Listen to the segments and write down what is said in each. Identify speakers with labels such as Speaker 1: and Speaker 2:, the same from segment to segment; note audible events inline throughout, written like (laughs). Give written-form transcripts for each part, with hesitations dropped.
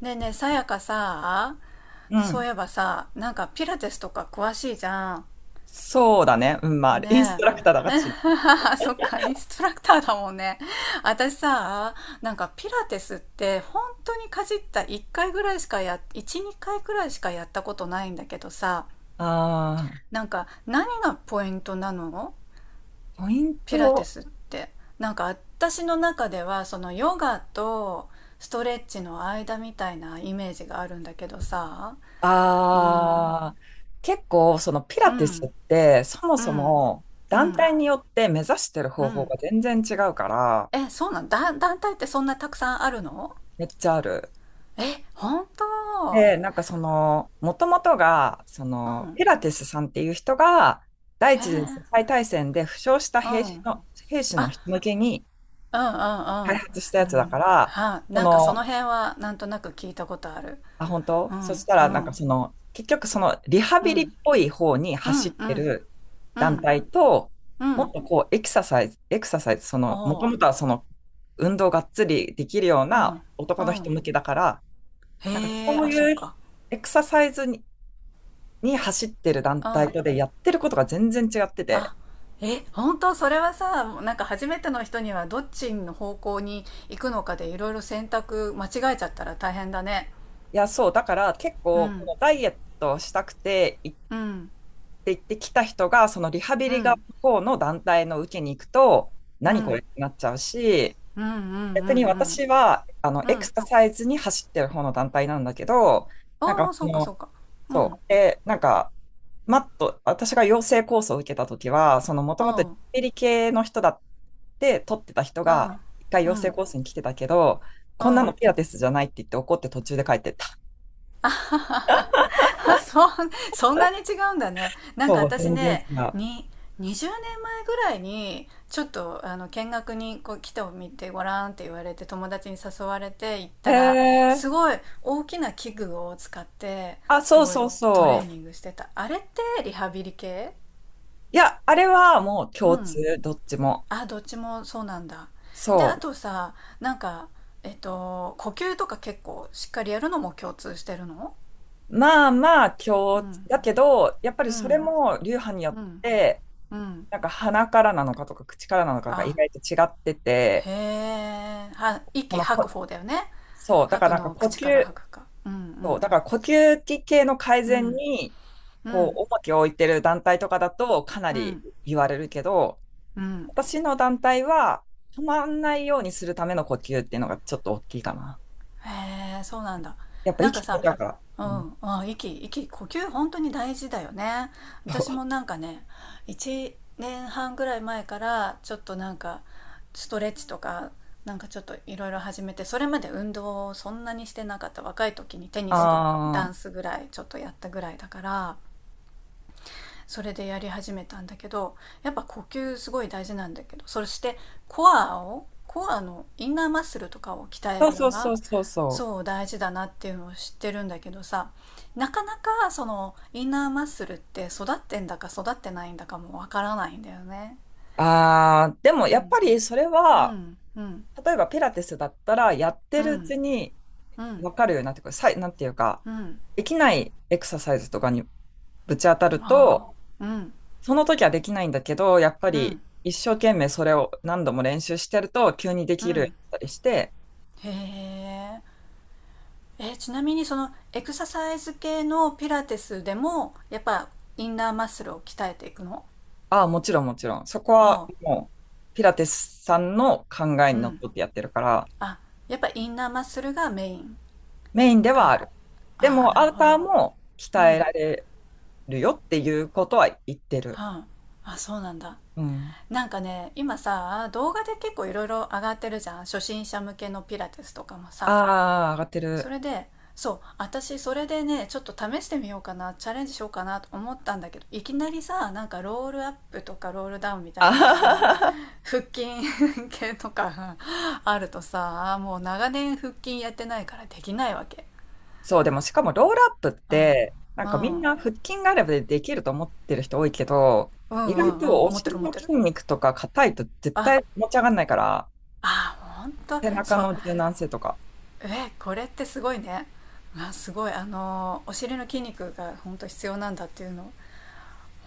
Speaker 1: ねえねえ、さやかさ、
Speaker 2: う
Speaker 1: そう
Speaker 2: ん。
Speaker 1: いえばさ、なんかピラティスとか詳しいじゃん。
Speaker 2: そうだね。(laughs) インス
Speaker 1: ね
Speaker 2: トラ
Speaker 1: え。
Speaker 2: クターだからち。
Speaker 1: (laughs) そっか、インストラクターだもんね。私さ、なんかピラティスって本当にかじった1回ぐらいしかや、1、2回くらいしかやったことないんだけどさ、
Speaker 2: ああ、
Speaker 1: なんか何がポイントなの、
Speaker 2: ポイン
Speaker 1: ピラティ
Speaker 2: ト。
Speaker 1: スって。なんか私の中では、そのヨガとストレッチの間みたいなイメージがあるんだけどさ、うん、
Speaker 2: ああ、結構、そのピラ
Speaker 1: う
Speaker 2: ティスっ
Speaker 1: ん。
Speaker 2: て、そも
Speaker 1: う
Speaker 2: そ
Speaker 1: ん、
Speaker 2: も
Speaker 1: う
Speaker 2: 団
Speaker 1: ん、
Speaker 2: 体によって目指してる
Speaker 1: う
Speaker 2: 方法
Speaker 1: ん、
Speaker 2: が全然違うから、
Speaker 1: え、そうなんだ。団体ってそんなたくさんあるの？
Speaker 2: めっちゃある。
Speaker 1: え、本当？
Speaker 2: で、なんかその、もともとが、
Speaker 1: うん、
Speaker 2: ピラティスさんっていう人が、第
Speaker 1: へ
Speaker 2: 一
Speaker 1: え
Speaker 2: 次世
Speaker 1: ー、
Speaker 2: 界大戦で負傷した
Speaker 1: う
Speaker 2: 兵士
Speaker 1: ん、
Speaker 2: の、兵士の
Speaker 1: あ、
Speaker 2: 人向けに
Speaker 1: うん、
Speaker 2: 開
Speaker 1: うん、うん、
Speaker 2: 発したやつ
Speaker 1: う
Speaker 2: だか
Speaker 1: ん、
Speaker 2: ら、
Speaker 1: はあ、
Speaker 2: そ
Speaker 1: なんかその
Speaker 2: の、
Speaker 1: 辺はなんとなく聞いたことある。
Speaker 2: 本
Speaker 1: う
Speaker 2: 当そし
Speaker 1: ん、
Speaker 2: た
Speaker 1: う
Speaker 2: ら、
Speaker 1: ん、
Speaker 2: 結局そのリハ
Speaker 1: う
Speaker 2: ビリっ
Speaker 1: ん、
Speaker 2: ぽい方に
Speaker 1: う
Speaker 2: 走っ
Speaker 1: ん、う
Speaker 2: て
Speaker 1: ん、
Speaker 2: る
Speaker 1: う
Speaker 2: 団
Speaker 1: ん、
Speaker 2: 体と、
Speaker 1: う
Speaker 2: もっ
Speaker 1: ん、
Speaker 2: とこうエクササイズ、
Speaker 1: お
Speaker 2: もと
Speaker 1: う、
Speaker 2: もとはその、運動がっつりできるよう
Speaker 1: う
Speaker 2: な
Speaker 1: ん、う
Speaker 2: 男の人
Speaker 1: ん、
Speaker 2: 向けだから、なんか
Speaker 1: へえ、
Speaker 2: そう
Speaker 1: あ、そっ
Speaker 2: いう
Speaker 1: か。
Speaker 2: エクササイズに走ってる団
Speaker 1: う
Speaker 2: 体
Speaker 1: ん、
Speaker 2: とでやってることが全然違ってて、
Speaker 1: あ、え、本当？それはさ、なんか初めての人にはどっちの方向に行くのかでいろいろ選択間違えちゃったら大変だね。
Speaker 2: だから結
Speaker 1: う
Speaker 2: 構、こ
Speaker 1: ん、
Speaker 2: のダイエットをしたくて行っ
Speaker 1: うん、
Speaker 2: て行ってきた人が、そのリハビ
Speaker 1: う
Speaker 2: リが
Speaker 1: ん、
Speaker 2: 方の団体の受けに行くと、
Speaker 1: う
Speaker 2: 何これっ
Speaker 1: ん、
Speaker 2: てなっちゃうし、
Speaker 1: うん、うん、うん、
Speaker 2: 逆に
Speaker 1: うん、
Speaker 2: 私はあのエ
Speaker 1: う
Speaker 2: ク
Speaker 1: ん、
Speaker 2: ササイズに走ってる方の団体なんだけど、なんか
Speaker 1: ああ、
Speaker 2: そ
Speaker 1: そうか、
Speaker 2: の、
Speaker 1: そうか。う
Speaker 2: そ
Speaker 1: ん、
Speaker 2: う、で、なんか、マット、私が養成コースを受けたときは、そのもと
Speaker 1: う
Speaker 2: もとリハ
Speaker 1: ん、
Speaker 2: ビリ系の人だって取ってた人
Speaker 1: う
Speaker 2: が、
Speaker 1: ん、
Speaker 2: 一回
Speaker 1: う
Speaker 2: 養成
Speaker 1: ん、
Speaker 2: コースに来てたけど、
Speaker 1: う
Speaker 2: こんなの
Speaker 1: ん、
Speaker 2: ピラティスじゃないって言って怒って途中で帰ってった。
Speaker 1: あ、そん、そんなに違うんだね。なんか
Speaker 2: そう、
Speaker 1: 私
Speaker 2: 全然
Speaker 1: ね、
Speaker 2: 違う。
Speaker 1: に20年前ぐらいにちょっとあの、見学にこう来てみてごらんって言われて、友達に誘われて行っ
Speaker 2: へ
Speaker 1: たら、
Speaker 2: え。
Speaker 1: すごい大きな器具を使って
Speaker 2: あ、
Speaker 1: す
Speaker 2: そう
Speaker 1: ご
Speaker 2: そ
Speaker 1: い
Speaker 2: う
Speaker 1: トレー
Speaker 2: そう。
Speaker 1: ニングしてた。あれってリハビリ系？
Speaker 2: いや、あれはもう
Speaker 1: う
Speaker 2: 共
Speaker 1: ん、
Speaker 2: 通、どっちも。
Speaker 1: あ、どっちもそうなんだ。で、
Speaker 2: そ
Speaker 1: あ
Speaker 2: う。
Speaker 1: とさ、なんか呼吸とか結構しっかりやるのも共通してるの？
Speaker 2: まあまあ
Speaker 1: う
Speaker 2: 共日
Speaker 1: ん、
Speaker 2: だけど、やっぱ
Speaker 1: う
Speaker 2: りそれ
Speaker 1: ん、
Speaker 2: も流派によっ
Speaker 1: うん、
Speaker 2: て、
Speaker 1: うん、
Speaker 2: なんか鼻からなのかとか口からなのかが意
Speaker 1: あ、
Speaker 2: 外と違って
Speaker 1: へ
Speaker 2: て、
Speaker 1: え、は
Speaker 2: こ
Speaker 1: 息
Speaker 2: の
Speaker 1: 吐く
Speaker 2: こ、
Speaker 1: 方だよね。
Speaker 2: そう、だ
Speaker 1: 吐
Speaker 2: から
Speaker 1: く
Speaker 2: なん
Speaker 1: の
Speaker 2: か
Speaker 1: を
Speaker 2: 呼
Speaker 1: 口から吐
Speaker 2: 吸、
Speaker 1: くか。うん、う
Speaker 2: そう、
Speaker 1: ん、
Speaker 2: だから呼吸器系の改
Speaker 1: う
Speaker 2: 善
Speaker 1: ん、
Speaker 2: に、
Speaker 1: う
Speaker 2: こう、
Speaker 1: ん、
Speaker 2: 重きを置いてる団体とかだとかな
Speaker 1: う
Speaker 2: り
Speaker 1: ん、
Speaker 2: 言われるけど、
Speaker 1: うん、
Speaker 2: 私の団体は止まんないようにするための呼吸っていうのがちょっと大きいかな。
Speaker 1: へえ、そうなんだ。
Speaker 2: やっぱ
Speaker 1: な
Speaker 2: 生
Speaker 1: ん
Speaker 2: き
Speaker 1: か
Speaker 2: てみ
Speaker 1: さ、
Speaker 2: たから。
Speaker 1: う
Speaker 2: うん、
Speaker 1: ん、あ、息、呼吸本当に大事だよね。
Speaker 2: そ
Speaker 1: 私
Speaker 2: う。
Speaker 1: もなんかね、1年半ぐらい前からちょっとなんかストレッチとか、なんかちょっといろいろ始めて、それまで運動をそんなにしてなかった。若い時にテニスとダ
Speaker 2: あ
Speaker 1: ンスぐらいちょっとやったぐらいだから、それでやり始めたんだけど、やっぱ呼吸すごい大事なんだけど、そしてコアのインナーマッスルとかを鍛え
Speaker 2: あ、
Speaker 1: る
Speaker 2: そ
Speaker 1: の
Speaker 2: う
Speaker 1: が
Speaker 2: そうそうそうそう。
Speaker 1: そう大事だなっていうのを知ってるんだけどさ、なかなかそのインナーマッスルって育ってんだか育ってないんだかもわからないんだよね。
Speaker 2: ああ、でも
Speaker 1: う
Speaker 2: やっ
Speaker 1: ん、
Speaker 2: ぱりそれ
Speaker 1: う
Speaker 2: は、
Speaker 1: ん、うん、
Speaker 2: 例えばピラティスだったら、やっ
Speaker 1: う
Speaker 2: てるう
Speaker 1: ん、
Speaker 2: ちに
Speaker 1: うん、
Speaker 2: 分かるようになってくる。なんていうか、
Speaker 1: うん、
Speaker 2: できないエクササイズとかにぶち当たる
Speaker 1: あ
Speaker 2: と、
Speaker 1: あ、うん、
Speaker 2: その時はできないんだけど、やっぱ
Speaker 1: うん、
Speaker 2: り一生懸命それを何度も練習してると、急にで
Speaker 1: う
Speaker 2: きるよう
Speaker 1: ん、
Speaker 2: になったりして、
Speaker 1: へえ、え、ちなみにそのエクササイズ系のピラティスでも、やっぱインナーマッスルを鍛えていくの？
Speaker 2: ああ、もちろんもちろん。そこは
Speaker 1: う、
Speaker 2: もう、ピラティスさんの考え
Speaker 1: う
Speaker 2: にのっ
Speaker 1: ん。
Speaker 2: とってやってるから、
Speaker 1: あ、やっぱインナーマッスルがメイン。
Speaker 2: メインでは
Speaker 1: あ、
Speaker 2: ある。で
Speaker 1: あー、
Speaker 2: も、
Speaker 1: な
Speaker 2: ア
Speaker 1: る
Speaker 2: ウ
Speaker 1: ほ
Speaker 2: ター
Speaker 1: ど。
Speaker 2: も
Speaker 1: う
Speaker 2: 鍛え
Speaker 1: ん。
Speaker 2: られるよっていうことは言ってる。
Speaker 1: は、あ、あ、そうなんだ。
Speaker 2: うん。
Speaker 1: なんかね、今さ、動画で結構いろいろ上がってるじゃん。初心者向けのピラティスとかもさ。
Speaker 2: ああ、上がって
Speaker 1: そ
Speaker 2: る。
Speaker 1: れで、そう、私それでね、ちょっと試してみようかな、チャレンジしようかなと思ったんだけど、いきなりさ、なんかロールアップとかロールダウンみたい
Speaker 2: あ
Speaker 1: な、なんかそ
Speaker 2: は
Speaker 1: の、
Speaker 2: は。
Speaker 1: 腹筋系とか (laughs) あるとさ、もう長年腹筋やってないからできないわけ。
Speaker 2: そう、でもしかもロールアップっ
Speaker 1: うん、
Speaker 2: て、なんかみ
Speaker 1: う
Speaker 2: ん
Speaker 1: ん、
Speaker 2: な腹筋があればできると思ってる人多いけど、
Speaker 1: うん、う
Speaker 2: 意外
Speaker 1: ん、うん、
Speaker 2: とお
Speaker 1: 思ってる、
Speaker 2: 尻
Speaker 1: 思っ
Speaker 2: の
Speaker 1: てる。
Speaker 2: 筋肉とか硬いと絶
Speaker 1: あ
Speaker 2: 対持ち上がんないから、
Speaker 1: あ、ほんと
Speaker 2: 背中
Speaker 1: そう。
Speaker 2: の柔軟性とか。
Speaker 1: え、これってすごいね。あ、すごい、あのお尻の筋肉が本当必要なんだっていうの、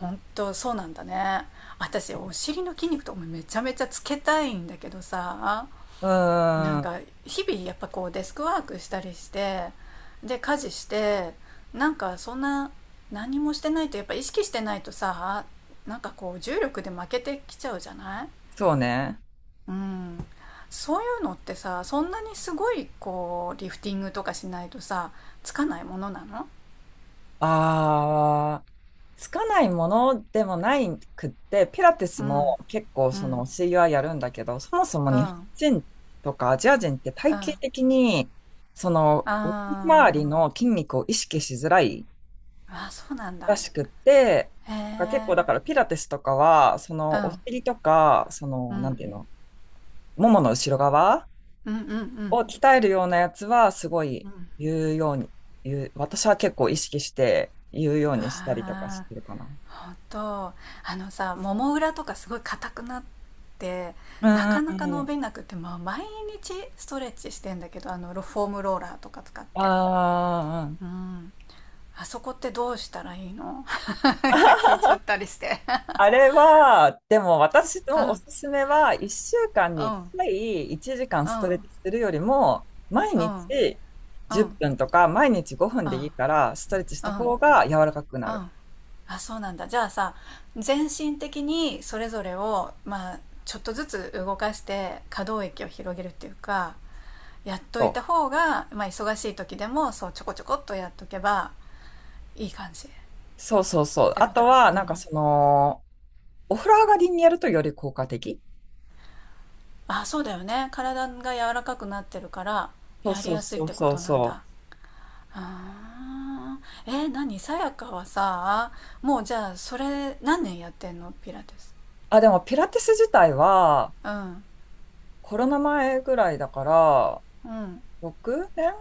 Speaker 1: 本当そうなんだね。私お尻の筋肉とかめちゃめちゃつけたいんだけどさ、
Speaker 2: う
Speaker 1: なん
Speaker 2: ーん、
Speaker 1: か日々やっぱこうデスクワークしたりして、で家事して、なんかそんな、何もしてないとやっぱ意識してないとさ、なんかこう重力で負けてきちゃうじゃない。
Speaker 2: そうね。
Speaker 1: うん、そういうのってさ、そんなにすごいこうリフティングとかしないとさ、つかないものなの？
Speaker 2: ああ。つかないものでもないくって、ピラティス
Speaker 1: う
Speaker 2: も
Speaker 1: ん、
Speaker 2: 結構
Speaker 1: う
Speaker 2: そ
Speaker 1: ん、
Speaker 2: の教えはやるんだけど、そもそも
Speaker 1: う
Speaker 2: 日本
Speaker 1: ん、
Speaker 2: 人とかアジア人って体
Speaker 1: うん、
Speaker 2: 型
Speaker 1: あ、
Speaker 2: 的に、その、お尻周
Speaker 1: あ
Speaker 2: りの筋肉を意識しづらい
Speaker 1: あ、そうなん
Speaker 2: ら
Speaker 1: だ。
Speaker 2: しくって、
Speaker 1: へ
Speaker 2: なんか結構
Speaker 1: え、
Speaker 2: だからピラティスとかは、そ
Speaker 1: う
Speaker 2: のお
Speaker 1: ん、
Speaker 2: 尻とか、そ
Speaker 1: う
Speaker 2: の、なん
Speaker 1: ん、
Speaker 2: ていうの、ももの後ろ側
Speaker 1: うん、うん、うん、
Speaker 2: を鍛えるようなやつはすご
Speaker 1: う
Speaker 2: い
Speaker 1: ん、
Speaker 2: 言うように、言う、私は結構意識して言うようにしたりとかし
Speaker 1: ああ、
Speaker 2: てるか
Speaker 1: 本当、あのさ、もも裏とかすごい硬くなって、なか
Speaker 2: な。う
Speaker 1: な
Speaker 2: んう
Speaker 1: か
Speaker 2: んう
Speaker 1: 伸び
Speaker 2: ん、
Speaker 1: なくて、まあ、毎日ストレッチしてんだけど、あの、ロフォームローラーとか使っ
Speaker 2: あ
Speaker 1: て。
Speaker 2: ー。
Speaker 1: うん。あそこってどうしたらいいの？ (laughs) なんか聞いちゃ
Speaker 2: (laughs)
Speaker 1: ったりして。
Speaker 2: あれは、でも私
Speaker 1: (laughs)。う
Speaker 2: のお
Speaker 1: ん、
Speaker 2: すすめは、1週間
Speaker 1: う
Speaker 2: に1
Speaker 1: ん、
Speaker 2: 回1時間
Speaker 1: うん、
Speaker 2: ス
Speaker 1: う
Speaker 2: トレッ
Speaker 1: ん、
Speaker 2: チするよりも、毎
Speaker 1: うん、
Speaker 2: 日
Speaker 1: う
Speaker 2: 10
Speaker 1: ん、
Speaker 2: 分とか、毎日5分
Speaker 1: う
Speaker 2: でいいから、ストレッチし
Speaker 1: ん、
Speaker 2: た
Speaker 1: うん。
Speaker 2: 方が柔らかくなる。
Speaker 1: あ、そうなんだ。じゃあさ、全身的にそれぞれを、まあ、ちょっとずつ動かして可動域を広げるっていうか、やっと
Speaker 2: そ
Speaker 1: いた
Speaker 2: う
Speaker 1: 方が、まあ、忙しい時でもそうちょこちょこっとやっとけばいい感じっ
Speaker 2: そうそうそう。
Speaker 1: て
Speaker 2: あ
Speaker 1: こと？
Speaker 2: とは、
Speaker 1: う
Speaker 2: なんか
Speaker 1: ん、
Speaker 2: その、お風呂上がりにやるとより効果的。
Speaker 1: あ、そうだよね。体が柔らかくなってるから
Speaker 2: そう
Speaker 1: やり
Speaker 2: そう
Speaker 1: やすいっ
Speaker 2: そう
Speaker 1: てこ
Speaker 2: そう
Speaker 1: となん
Speaker 2: そ
Speaker 1: だ。
Speaker 2: う。
Speaker 1: あー、えー、何、さやかはさ、もうじゃあそれ何年やってんの、ピラティス？
Speaker 2: あ、でもピラティス自体は、
Speaker 1: うん、
Speaker 2: コロナ前ぐらいだから、
Speaker 1: うん、
Speaker 2: 6年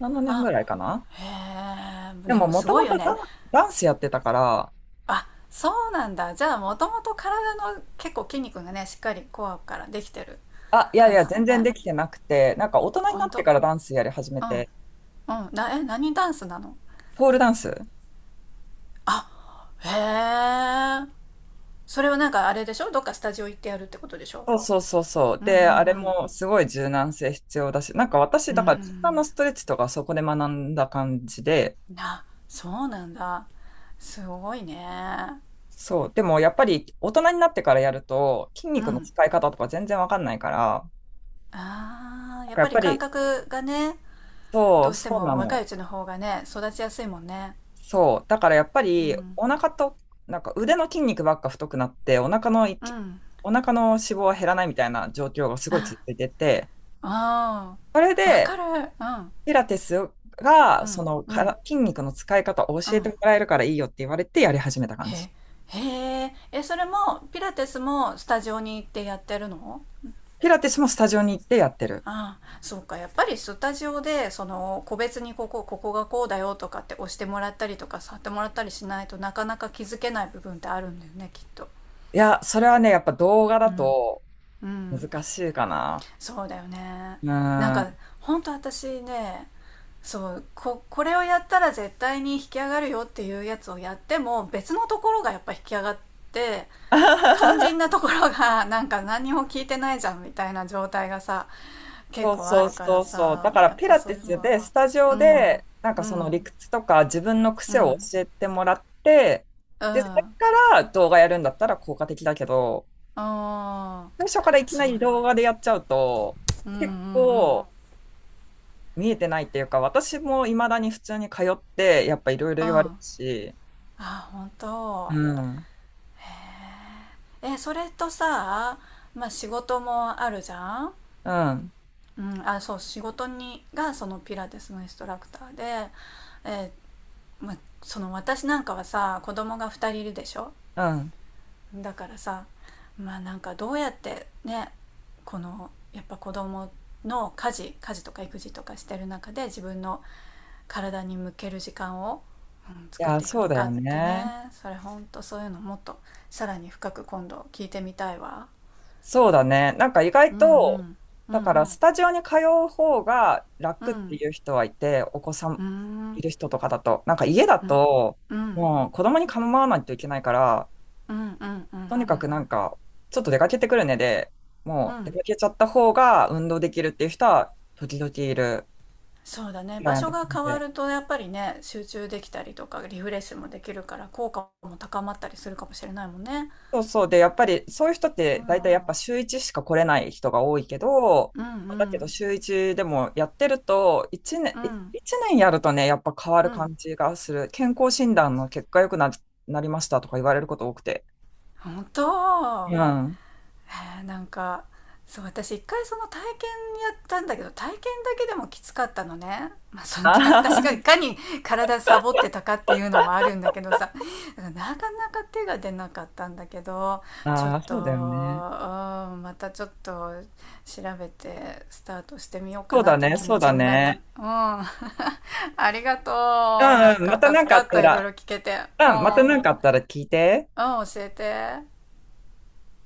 Speaker 2: ?7 年
Speaker 1: あ、
Speaker 2: ぐらいかな。
Speaker 1: へえ、
Speaker 2: で
Speaker 1: で
Speaker 2: も、
Speaker 1: も
Speaker 2: も
Speaker 1: す
Speaker 2: と
Speaker 1: ご
Speaker 2: も
Speaker 1: いよ
Speaker 2: とダ
Speaker 1: ね。
Speaker 2: ン、ダンスやってたから、
Speaker 1: あ、そうなんだ、じゃあもともと体の結構筋肉がねしっかりコアからできてる
Speaker 2: あ、いやい
Speaker 1: 感
Speaker 2: や、
Speaker 1: じだ
Speaker 2: 全然
Speaker 1: ね。
Speaker 2: できてなくて、なんか大
Speaker 1: あ、
Speaker 2: 人に
Speaker 1: ほ
Speaker 2: なっ
Speaker 1: ん
Speaker 2: て
Speaker 1: と、
Speaker 2: からダンスやり始め
Speaker 1: うん、
Speaker 2: て、
Speaker 1: うん、な、え、何ダンスなの？
Speaker 2: ポールダンス。
Speaker 1: あ、へえ、それはなんかあれでしょ、どっかスタジオ行ってやるってことでしょ？
Speaker 2: そうそうそうそう。
Speaker 1: うん、う
Speaker 2: で、あれ
Speaker 1: ん、
Speaker 2: もすごい柔軟性必要だし、なんか私、
Speaker 1: うん、う
Speaker 2: だから柔軟の
Speaker 1: ん、
Speaker 2: ストレッチとかそこで学んだ感じで、
Speaker 1: な、そうなんだ。すごいね。
Speaker 2: そう。でもやっぱり大人になってからやると筋
Speaker 1: う
Speaker 2: 肉の
Speaker 1: ん、
Speaker 2: 使い方とか全然わかんないから、
Speaker 1: ああ、
Speaker 2: なん
Speaker 1: やっ
Speaker 2: かや
Speaker 1: ぱ
Speaker 2: っ
Speaker 1: り
Speaker 2: ぱ
Speaker 1: 感
Speaker 2: り、
Speaker 1: 覚がね、
Speaker 2: そ
Speaker 1: ど
Speaker 2: う、
Speaker 1: うして
Speaker 2: そう
Speaker 1: も
Speaker 2: な
Speaker 1: 若い
Speaker 2: の。
Speaker 1: うちの方がね育ちやすいもんね。
Speaker 2: そう。だからやっぱ
Speaker 1: う
Speaker 2: り、
Speaker 1: ん、
Speaker 2: お腹と、なんか腕の筋肉ばっか太くなって、
Speaker 1: うん、
Speaker 2: お腹の脂肪は減らないみたいな状況がすごい
Speaker 1: あ
Speaker 2: 続いてて、
Speaker 1: あ、
Speaker 2: それ
Speaker 1: ーわか
Speaker 2: で、
Speaker 1: る。うん、
Speaker 2: ピラティス
Speaker 1: う
Speaker 2: が、そ
Speaker 1: ん、
Speaker 2: の
Speaker 1: う
Speaker 2: か
Speaker 1: ん、
Speaker 2: ら筋肉の使い方を
Speaker 1: う
Speaker 2: 教えて
Speaker 1: ん、
Speaker 2: もらえるからいいよって言われてやり始めた感じ。
Speaker 1: へ、へ、え、え、それもピラティスもスタジオに行ってやってるの？
Speaker 2: ピラティスもスタジオに行ってやってる。
Speaker 1: ああ、そうか。やっぱりスタジオで、その、個別にここ、ここがこうだよとかって押してもらったりとか、触ってもらったりしないとなかなか気づけない部分ってあるんだよね、きっと。
Speaker 2: いや、それはね、やっぱ動画
Speaker 1: う
Speaker 2: だ
Speaker 1: ん。
Speaker 2: と
Speaker 1: うん。
Speaker 2: 難しいかな。
Speaker 1: そうだよね。
Speaker 2: う
Speaker 1: なん
Speaker 2: ー
Speaker 1: か、
Speaker 2: ん。
Speaker 1: 本当私ね、そう、これをやったら絶対に引き上がるよっていうやつをやっても、別のところがやっぱ引き上がって、肝心
Speaker 2: (laughs)
Speaker 1: なところが (laughs) なんか何も聞いてないじゃんみたいな状態がさ、結
Speaker 2: そう
Speaker 1: 構あ
Speaker 2: そう
Speaker 1: るか
Speaker 2: そ
Speaker 1: ら
Speaker 2: うそう。だ
Speaker 1: さ、
Speaker 2: から
Speaker 1: やっ
Speaker 2: ピ
Speaker 1: ぱ
Speaker 2: ラ
Speaker 1: そ
Speaker 2: テ
Speaker 1: うい
Speaker 2: ィ
Speaker 1: うの
Speaker 2: ス
Speaker 1: は。
Speaker 2: で、スタジ
Speaker 1: う
Speaker 2: オ
Speaker 1: ん。
Speaker 2: で、なんか
Speaker 1: う
Speaker 2: その理
Speaker 1: ん。
Speaker 2: 屈とか自分の
Speaker 1: う
Speaker 2: 癖を
Speaker 1: ん。
Speaker 2: 教えてもらって、
Speaker 1: うん。
Speaker 2: で、それ
Speaker 1: あ
Speaker 2: から動画やるんだったら効果的だけど、
Speaker 1: あ、
Speaker 2: 最初からいき
Speaker 1: そ
Speaker 2: な
Speaker 1: うだ
Speaker 2: り
Speaker 1: ね。
Speaker 2: 動画でやっちゃうと、
Speaker 1: うん、うん、うん。う
Speaker 2: 結
Speaker 1: ん。
Speaker 2: 構見えてないっていうか、私も未だに普通に通って、やっぱいろいろ言われる
Speaker 1: あ
Speaker 2: し、
Speaker 1: あ、本
Speaker 2: う
Speaker 1: 当。
Speaker 2: ん、
Speaker 1: え、それとさ、まあ仕事もあるじゃん。
Speaker 2: うん、
Speaker 1: うん、あ、そう、仕事に、がそのピラティスのインストラクターで、えー、まあ、その、私なんかはさ、子供が2人いるでしょ、
Speaker 2: うん。
Speaker 1: だからさ、まあなんかどうやってね、この、やっぱ子供の家事とか育児とかしてる中で自分の体に向ける時間を、うん、
Speaker 2: い
Speaker 1: 作っ
Speaker 2: や、
Speaker 1: ていく
Speaker 2: そう
Speaker 1: の
Speaker 2: だ
Speaker 1: か
Speaker 2: よ
Speaker 1: ってね、
Speaker 2: ね。
Speaker 1: それほんとそういうのもっとさらに深く今度聞いてみたいわ。
Speaker 2: そうだね。なんか意
Speaker 1: う
Speaker 2: 外
Speaker 1: ん、う
Speaker 2: と、
Speaker 1: ん、う
Speaker 2: だかう
Speaker 1: ん、
Speaker 2: らスん。スタジオに通う方が
Speaker 1: う
Speaker 2: 楽って
Speaker 1: ん、
Speaker 2: いう人はいて、お子さ
Speaker 1: う
Speaker 2: ん
Speaker 1: ん、う
Speaker 2: い
Speaker 1: ん、
Speaker 2: る人とかだと、なんか家だ
Speaker 1: うん、
Speaker 2: と、
Speaker 1: うん、うん、
Speaker 2: もう子供に構わないといけないから、
Speaker 1: うん、う
Speaker 2: とにか
Speaker 1: ん、
Speaker 2: くなんか、ちょっと出かけてくるねで、
Speaker 1: う
Speaker 2: もう出
Speaker 1: ん、
Speaker 2: かけちゃった方が運動できるっていう人は時々いる。
Speaker 1: そうだね、
Speaker 2: クラ
Speaker 1: 場
Speaker 2: イアン
Speaker 1: 所
Speaker 2: トさ
Speaker 1: が
Speaker 2: ん
Speaker 1: 変わ
Speaker 2: で、
Speaker 1: るとやっぱりね集中できたりとかリフレッシュもできるから効果も高まったりするかもしれないもんね、
Speaker 2: そうそう、で、やっぱりそういう人っ
Speaker 1: うん、
Speaker 2: て
Speaker 1: う
Speaker 2: 大体
Speaker 1: ん、
Speaker 2: やっぱ週1しか来れない人が多いけど、
Speaker 1: う
Speaker 2: だけ
Speaker 1: ん、
Speaker 2: ど週1でもやってると、1年、
Speaker 1: う
Speaker 2: い
Speaker 1: ん、
Speaker 2: 一年やるとね、やっぱ変わ
Speaker 1: う
Speaker 2: る
Speaker 1: ん、
Speaker 2: 感じがする。健康診断の結果良くなりましたとか言われること多くて。
Speaker 1: 本当。
Speaker 2: うん。(laughs) あ
Speaker 1: へえ、なんか、そう、私一回その体験やったんだけど、体験だけでもきつかったのね、まあ、その (laughs) 私がいかに体サボってたかっていうのもあるんだけどさ、だからなかなか手が出なかったんだけど、
Speaker 2: あ、
Speaker 1: ちょ
Speaker 2: あ
Speaker 1: っ
Speaker 2: あ
Speaker 1: と、
Speaker 2: そうだよね。
Speaker 1: うん、またちょっと調べてスタートしてみようか
Speaker 2: そう
Speaker 1: な
Speaker 2: だ
Speaker 1: っていう
Speaker 2: ね、
Speaker 1: 気
Speaker 2: そ
Speaker 1: 持
Speaker 2: うだ
Speaker 1: ちになった。
Speaker 2: ね。
Speaker 1: うん (laughs) ありが
Speaker 2: う
Speaker 1: とう、なん
Speaker 2: ん、うん。ま
Speaker 1: か
Speaker 2: たな
Speaker 1: 助
Speaker 2: んかあ
Speaker 1: か
Speaker 2: っ
Speaker 1: っ
Speaker 2: た
Speaker 1: た、いろ
Speaker 2: ら、
Speaker 1: いろ聞けて。う
Speaker 2: うん、また
Speaker 1: ん、う
Speaker 2: な
Speaker 1: ん、
Speaker 2: んかあったら聞いて。
Speaker 1: 教えて。